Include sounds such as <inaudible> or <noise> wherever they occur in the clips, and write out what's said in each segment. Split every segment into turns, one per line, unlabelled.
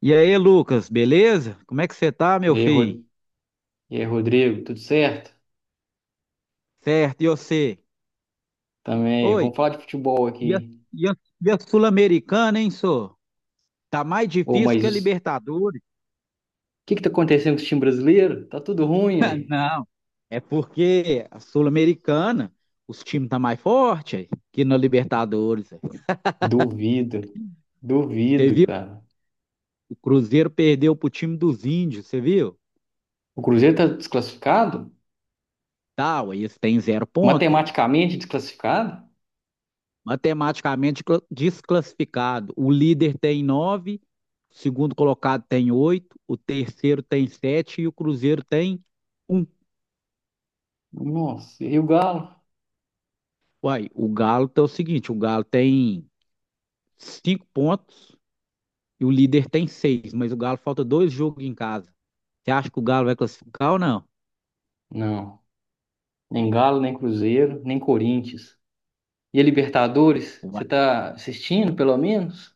E aí, Lucas, beleza? Como é que você tá, meu
E aí,
filho?
Ro- e aí, Rodrigo, tudo certo?
Certo, e você?
Também.
Oi,
Vamos falar de futebol
e a,
aqui.
e a- e a Sul-Americana, hein, senhor? Tá mais
Ô,
difícil
mas
que a
o
Libertadores.
que que tá acontecendo com o time brasileiro? Tá tudo ruim
<laughs>
aí.
Não, é porque a Sul-Americana, os times tá mais forte aí, que na Libertadores, aí.
Duvido,
Você
duvido,
viu?
cara.
O Cruzeiro perdeu pro time dos índios, você viu?
O Cruzeiro tá desclassificado?
Tá, ué, eles têm zero ponta.
Matematicamente desclassificado?
Matematicamente desclassificado. O líder tem nove, o segundo colocado tem oito, o terceiro tem sete e o Cruzeiro tem um.
Nossa, e o Galo?
Uai, o Galo é o seguinte: o Galo tem cinco pontos e o líder tem seis, mas o Galo falta dois jogos em casa. Você acha que o Galo vai classificar ou não?
Não, nem Galo, nem Cruzeiro, nem Corinthians. E a Libertadores? Você
Uai,
tá assistindo, pelo menos?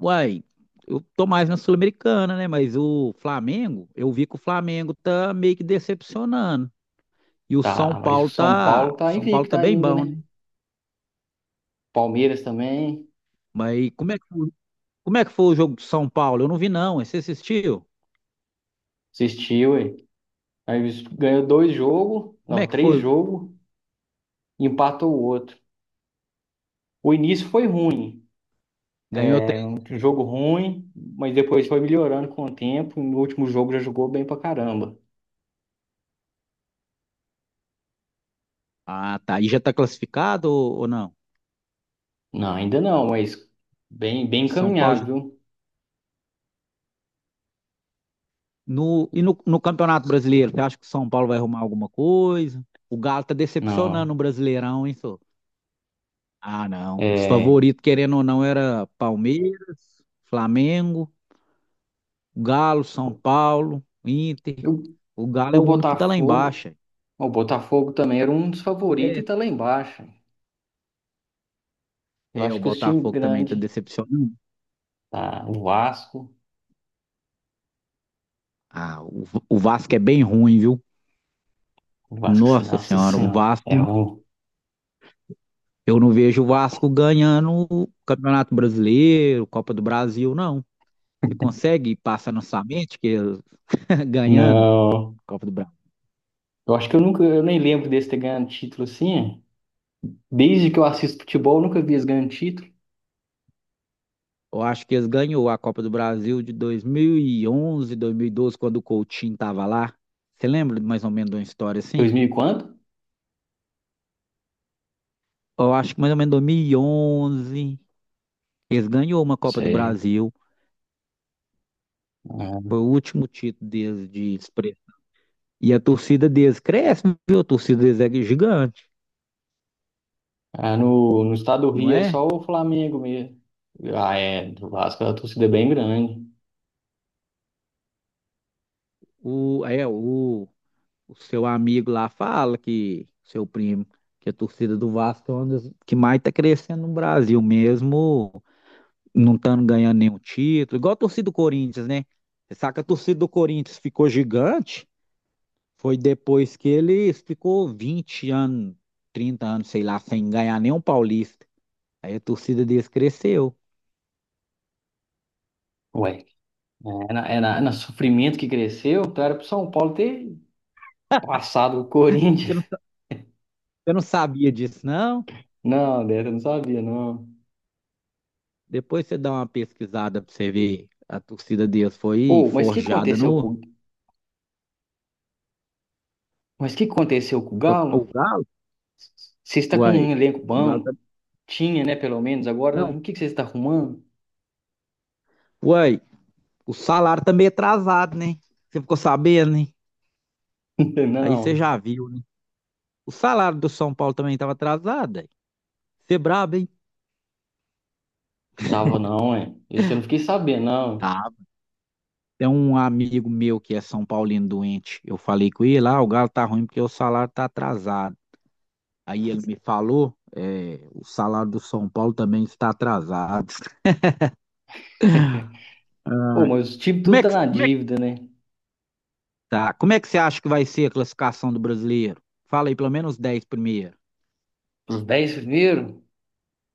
Uai, eu tô mais na Sul-Americana, né? Mas o Flamengo, eu vi que o Flamengo tá meio que decepcionando. E o São
Tá, mas o
Paulo
São
tá,
Paulo tá
São Paulo
invicto
tá bem
ainda,
bom,
né?
né?
Palmeiras também.
Mas e como é que foi o jogo do São Paulo? Eu não vi, não. Você assistiu?
Assistiu. Aí ganhou dois jogos,
Como é
não,
que
três
foi o jogo?
jogos, e empatou o outro. O início foi ruim,
Ganhou três?
um jogo ruim, mas depois foi melhorando com o tempo. No último jogo já jogou bem pra caramba.
Ah, tá. E já tá classificado ou não?
Não, ainda não, mas bem, bem
São Paulo
encaminhado,
já...
viu?
no Campeonato Brasileiro, você acha que o São Paulo vai arrumar alguma coisa? O Galo tá decepcionando
Não,
o Brasileirão, hein, senhor? Ah, não. Os
é.
favoritos, querendo ou não, era Palmeiras, Flamengo, Galo, São Paulo, Inter.
O,
O Galo é
o
o único que tá lá
Botafogo,
embaixo.
o Botafogo também era um dos favoritos e
É.
tá lá embaixo. Eu
É, o
acho que os times
Botafogo também tá
grandes,
decepcionando.
tá? O Vasco,
Ah, o Vasco é bem ruim, viu?
o Vasco,
Nossa
nossa
Senhora, o
senhora, é
Vasco,
ruim.
eu não vejo o Vasco ganhando o Campeonato Brasileiro, Copa do Brasil, não. Você consegue passar na sua mente que eles <laughs> ganhando
Não.
Copa do Brasil?
Eu acho que eu nem lembro deles ter ganhado título assim. É. Desde que eu assisto futebol, eu nunca vi eles ganhando título.
Eu acho que eles ganhou a Copa do Brasil de 2011, 2012, quando o Coutinho tava lá. Você lembra mais ou menos de uma história assim?
2000 e quanto?
Eu acho que mais ou menos 2011, eles ganhou uma Copa do
Sei.
Brasil. Foi o último título deles de. E a torcida deles cresce, viu? A torcida deles é gigante,
Ah, no estado do
não
Rio é
é?
só o Flamengo mesmo. Ah, é, do Vasco a torcida é bem grande.
O, é, o, o seu amigo lá fala que, seu primo, que a torcida do Vasco é uma das que mais tá crescendo no Brasil, mesmo não estando ganhando nenhum título, igual a torcida do Corinthians, né? Você sabe que a torcida do Corinthians ficou gigante, foi depois que ele ficou 20 anos, 30 anos, sei lá, sem ganhar nenhum paulista. Aí a torcida deles cresceu.
Ué, é na sofrimento que cresceu, então era pro São Paulo ter passado o
Você
Corinthians.
não, sa- você não sabia disso, não?
<laughs> Não, Débora, eu não sabia, não.
Depois você dá uma pesquisada pra você ver. A torcida deles foi
Ô,
forjada no.
mas o que aconteceu com o
O
Galo?
Galo?
Você está com
Uai.
um elenco
O Galo
bom?
tá-
Tinha, né, pelo menos. Agora,
Não.
o que que você está arrumando?
Uai, o salário tá meio atrasado, né? Você ficou sabendo, né?
<laughs>
Aí você
Não,
já viu, né? O salário do São Paulo também tava atrasado, aí. Você é brabo, hein?
tava não, é. Esse eu não fiquei sabendo, não.
Tá. Tem um amigo meu que é São Paulino doente. Eu falei com ele, ah, o Galo tá ruim porque o salário tá atrasado. Aí ele me falou, é, o salário do São Paulo também está atrasado.
Pô, mas os
<laughs>
times
Como
tudo
é
tá
que,
na
como é
dívida, né?
Tá. Como é que você acha que vai ser a classificação do brasileiro? Fala aí, pelo menos 10 primeiro.
Os 10 primeiros,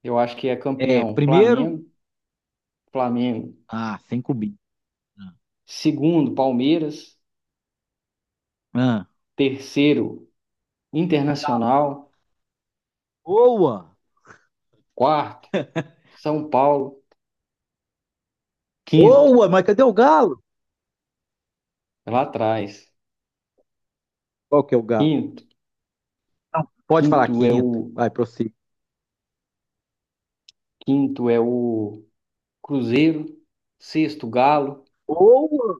eu acho que é
É,
campeão
primeiro?
Flamengo, Flamengo.
Ah, sem cubinho.
Segundo, Palmeiras.
Ah.
Terceiro, Internacional.
Boa!
Quarto, São Paulo. Quinto,
Boa, mas cadê o Galo?
é lá atrás.
Qual que é o Galo?
Quinto,
Não, pode falar
quinto é
quinto.
o
Vai, prossiga.
quinto é o Cruzeiro. Sexto, Galo.
Boa!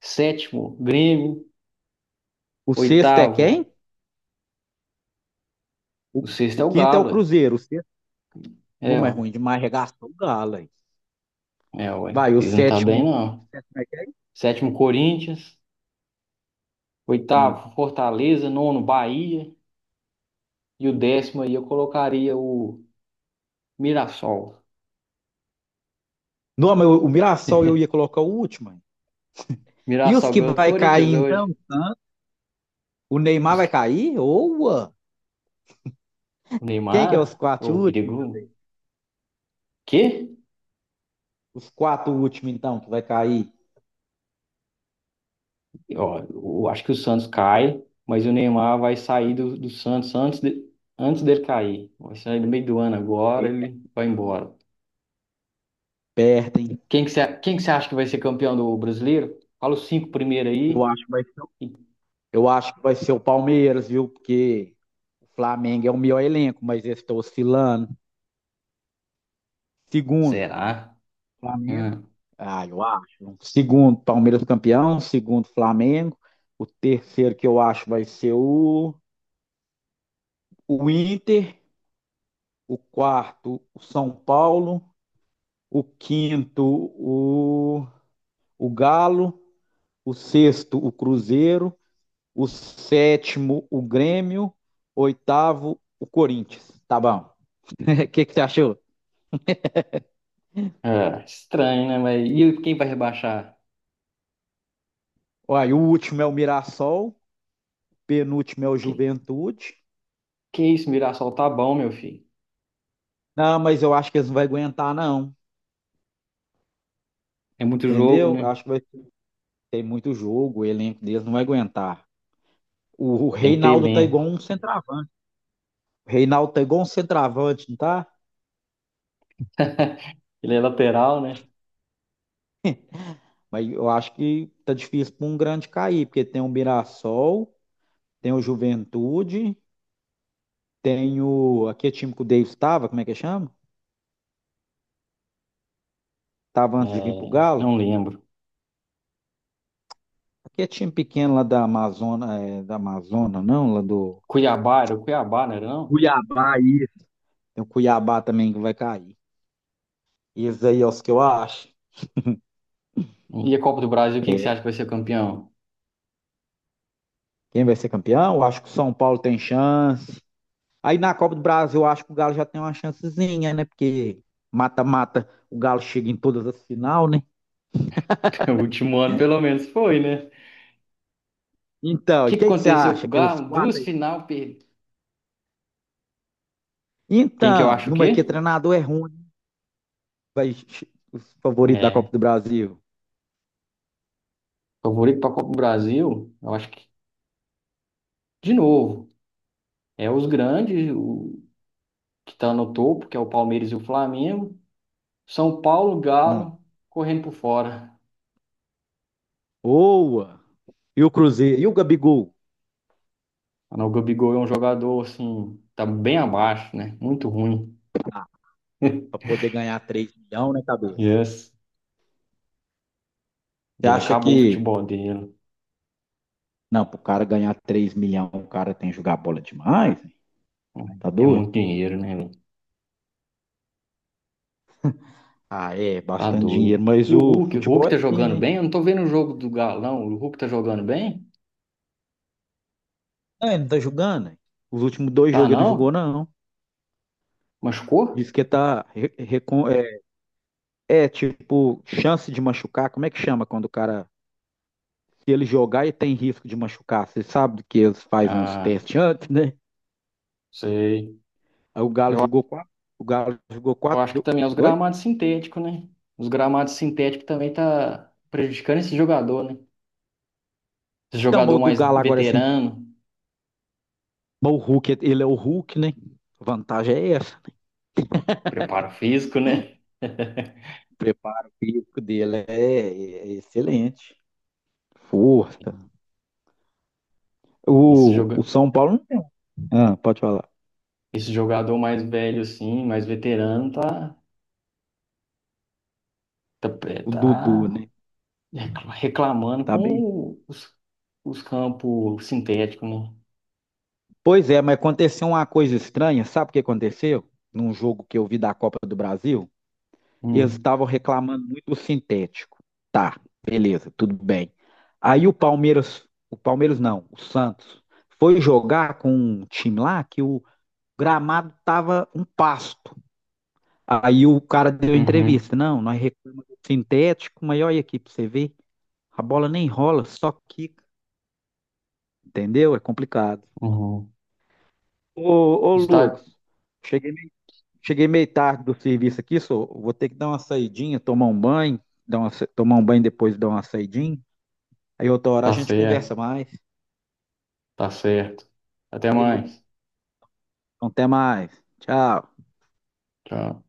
Sétimo, Grêmio.
O sexto é quem?
Oitavo,
O,
o sexto
o
é o
quinto é o
Galo.
Cruzeiro. O sexto
É,
não
é,
mas é ruim demais, regaçou o Galo. Hein?
é, ué.
Vai, o
Eles não tá bem,
sétimo. O
não.
sétimo é quem?
Sétimo, Corinthians.
Ah.
Oitavo, Fortaleza. Nono, Bahia. E o décimo aí eu colocaria o Mirassol.
Não, mas o Mirassol eu ia colocar o último, hein? E os
Mirassol
que
ganhou do
vai cair,
Corinthians
então?
hoje.
O Neymar
Os-
vai cair? Boa!
O
Quem que é os
Neymar,
quatro
ô, o
últimos?
perigo. Quê?
Os quatro últimos, então, que vai cair,
Ó, eu acho que o Santos cai, mas o Neymar vai sair do Santos antes, antes dele cair. Vai sair no meio do ano agora, ele vai embora.
perdem.
Quem que você acha que vai ser campeão do Brasileiro? Fala os cinco primeiro
Eu
aí.
acho, que vai-
E-
eu acho que vai ser o Palmeiras, viu? Porque o Flamengo é o melhor elenco, mas eles estão oscilando. Segundo,
Será?
Flamengo.
Hum.
Ah, eu acho. Segundo, Palmeiras campeão. Segundo, Flamengo. O terceiro que eu acho vai ser o Inter. O quarto, o São Paulo. O quinto, o, o Galo. O sexto, o Cruzeiro. O sétimo, o Grêmio, oitavo, o Corinthians. Tá bom. <laughs> O que, que você achou?
É, estranho, né? Mas e quem vai rebaixar?
Olha, o último é o Mirassol, penúltimo é o
Que,
Juventude.
que isso, Mirassol tá bom, meu filho.
Não, mas eu acho que eles não vão aguentar, não.
É muito jogo,
Entendeu? Eu
né?
acho que vai ter muito jogo, o elenco deles não vai aguentar. O
Tem que ter
Reinaldo tá igual
elenco.
um centroavante. O Reinaldo tá igual um centroavante, não tá?
Ele é lateral, né?
Mas eu acho que tá difícil para um grande cair, porque tem o Mirassol, tem o Juventude, tem o. Aqui é time que o Davis estava, como é que chama? Estava antes de vir para o
É,
Galo.
não lembro.
Aqui é time pequeno lá da Amazônia, é, da Amazônia, não, lá do.
Cuiabá, era o Cuiabá, não era não?
Cuiabá aí. Tem o Cuiabá também que vai cair. E esses aí é os que eu acho.
E a Copa do Brasil, quem que você
É,
acha que vai ser campeão?
quem vai ser campeão? Eu acho que o São Paulo tem chance. Aí na Copa do Brasil, eu acho que o Galo já tem uma chancezinha, né? Porque mata-mata, o Galo chega em todas as final, né?
<laughs> O último ano, pelo menos, foi, né? O
Então, e
que que
quem que você
aconteceu com
acha?
o
Que é os
Galo? Duas
quatro aí?
final perdidas. Quem que eu
Então,
acho o
numa que
quê?
treinador é ruim, vai os favoritos da Copa
É,
do Brasil.
favorito pra Copa do Brasil, eu acho que, de novo, é os grandes, o que tá no topo, que é o Palmeiras e o Flamengo. São Paulo,
Hum.
Galo, correndo por fora.
Boa! E o Cruzeiro, e o Gabigol,
O Gabigol é um jogador, assim, tá bem abaixo, né? Muito ruim.
para poder ganhar 3 milhões na cabeça.
Yes.
Você
Ele
acha
acabou o
que,
futebol dele.
não, pro cara ganhar 3 milhões, o cara tem que jogar bola demais, hein? Tá
É muito
doido?
dinheiro, né, velho?
Ah, é,
Tá
bastante dinheiro,
doido.
mas
E o
o
Hulk? O
futebol
Hulk
é
tá
assim,
jogando
né?
bem? Eu não tô vendo o jogo do Galão. O Hulk tá jogando bem?
Ah, ele não tá jogando, hein? Os últimos dois
Tá
jogos ele não jogou,
não?
não. Diz
Machucou?
que tá. É, tipo, chance de machucar. Como é que chama quando o cara. Se ele jogar e tem risco de machucar, você sabe que eles fazem uns
Ah,
testes antes, né?
sei.
Aí o Galo
Eu,
jogou quatro. O Galo jogou
eu
quatro.
acho que também é os
Oi?
gramados sintéticos, né? Os gramados sintéticos também tá prejudicando esse jogador, né? Esse
Então, mas
jogador
o do
mais
Galo agora, é assim,
veterano.
mas o Hulk, ele é o Hulk, né? Vantagem é essa, né?
Preparo físico, né? <laughs>
O preparo físico dele é excelente. Força.
Esse
O,
joga...
o São Paulo não tem. Um. Ah, pode falar.
Esse jogador mais velho, assim, mais veterano, tá, tá, é,
O Dudu,
tá
né?
reclamando
Tá bem?
com os campos sintéticos, né?
Pois é, mas aconteceu uma coisa estranha. Sabe o que aconteceu? Num jogo que eu vi da Copa do Brasil, eles
Hum.
estavam reclamando muito do sintético. Tá, beleza, tudo bem. Aí o Palmeiras não, o Santos, foi jogar com um time lá que o, gramado tava um pasto. Aí o cara deu entrevista,
Uhum,
não, nós reclamamos do sintético, mas olha aqui para você ver, a bola nem rola, só quica, entendeu? É complicado.
uhum.
Ô, ô Lucas,
Está,
cheguei meio, cheguei meio tarde do serviço aqui, só vou ter que dar uma saidinha, tomar um banho, tomar um banho depois dar uma saidinha. Aí outra hora a
tá
gente conversa
certo,
mais.
tá certo. Até
Beleza.
mais.
Então, até mais. Tchau.
Tchau.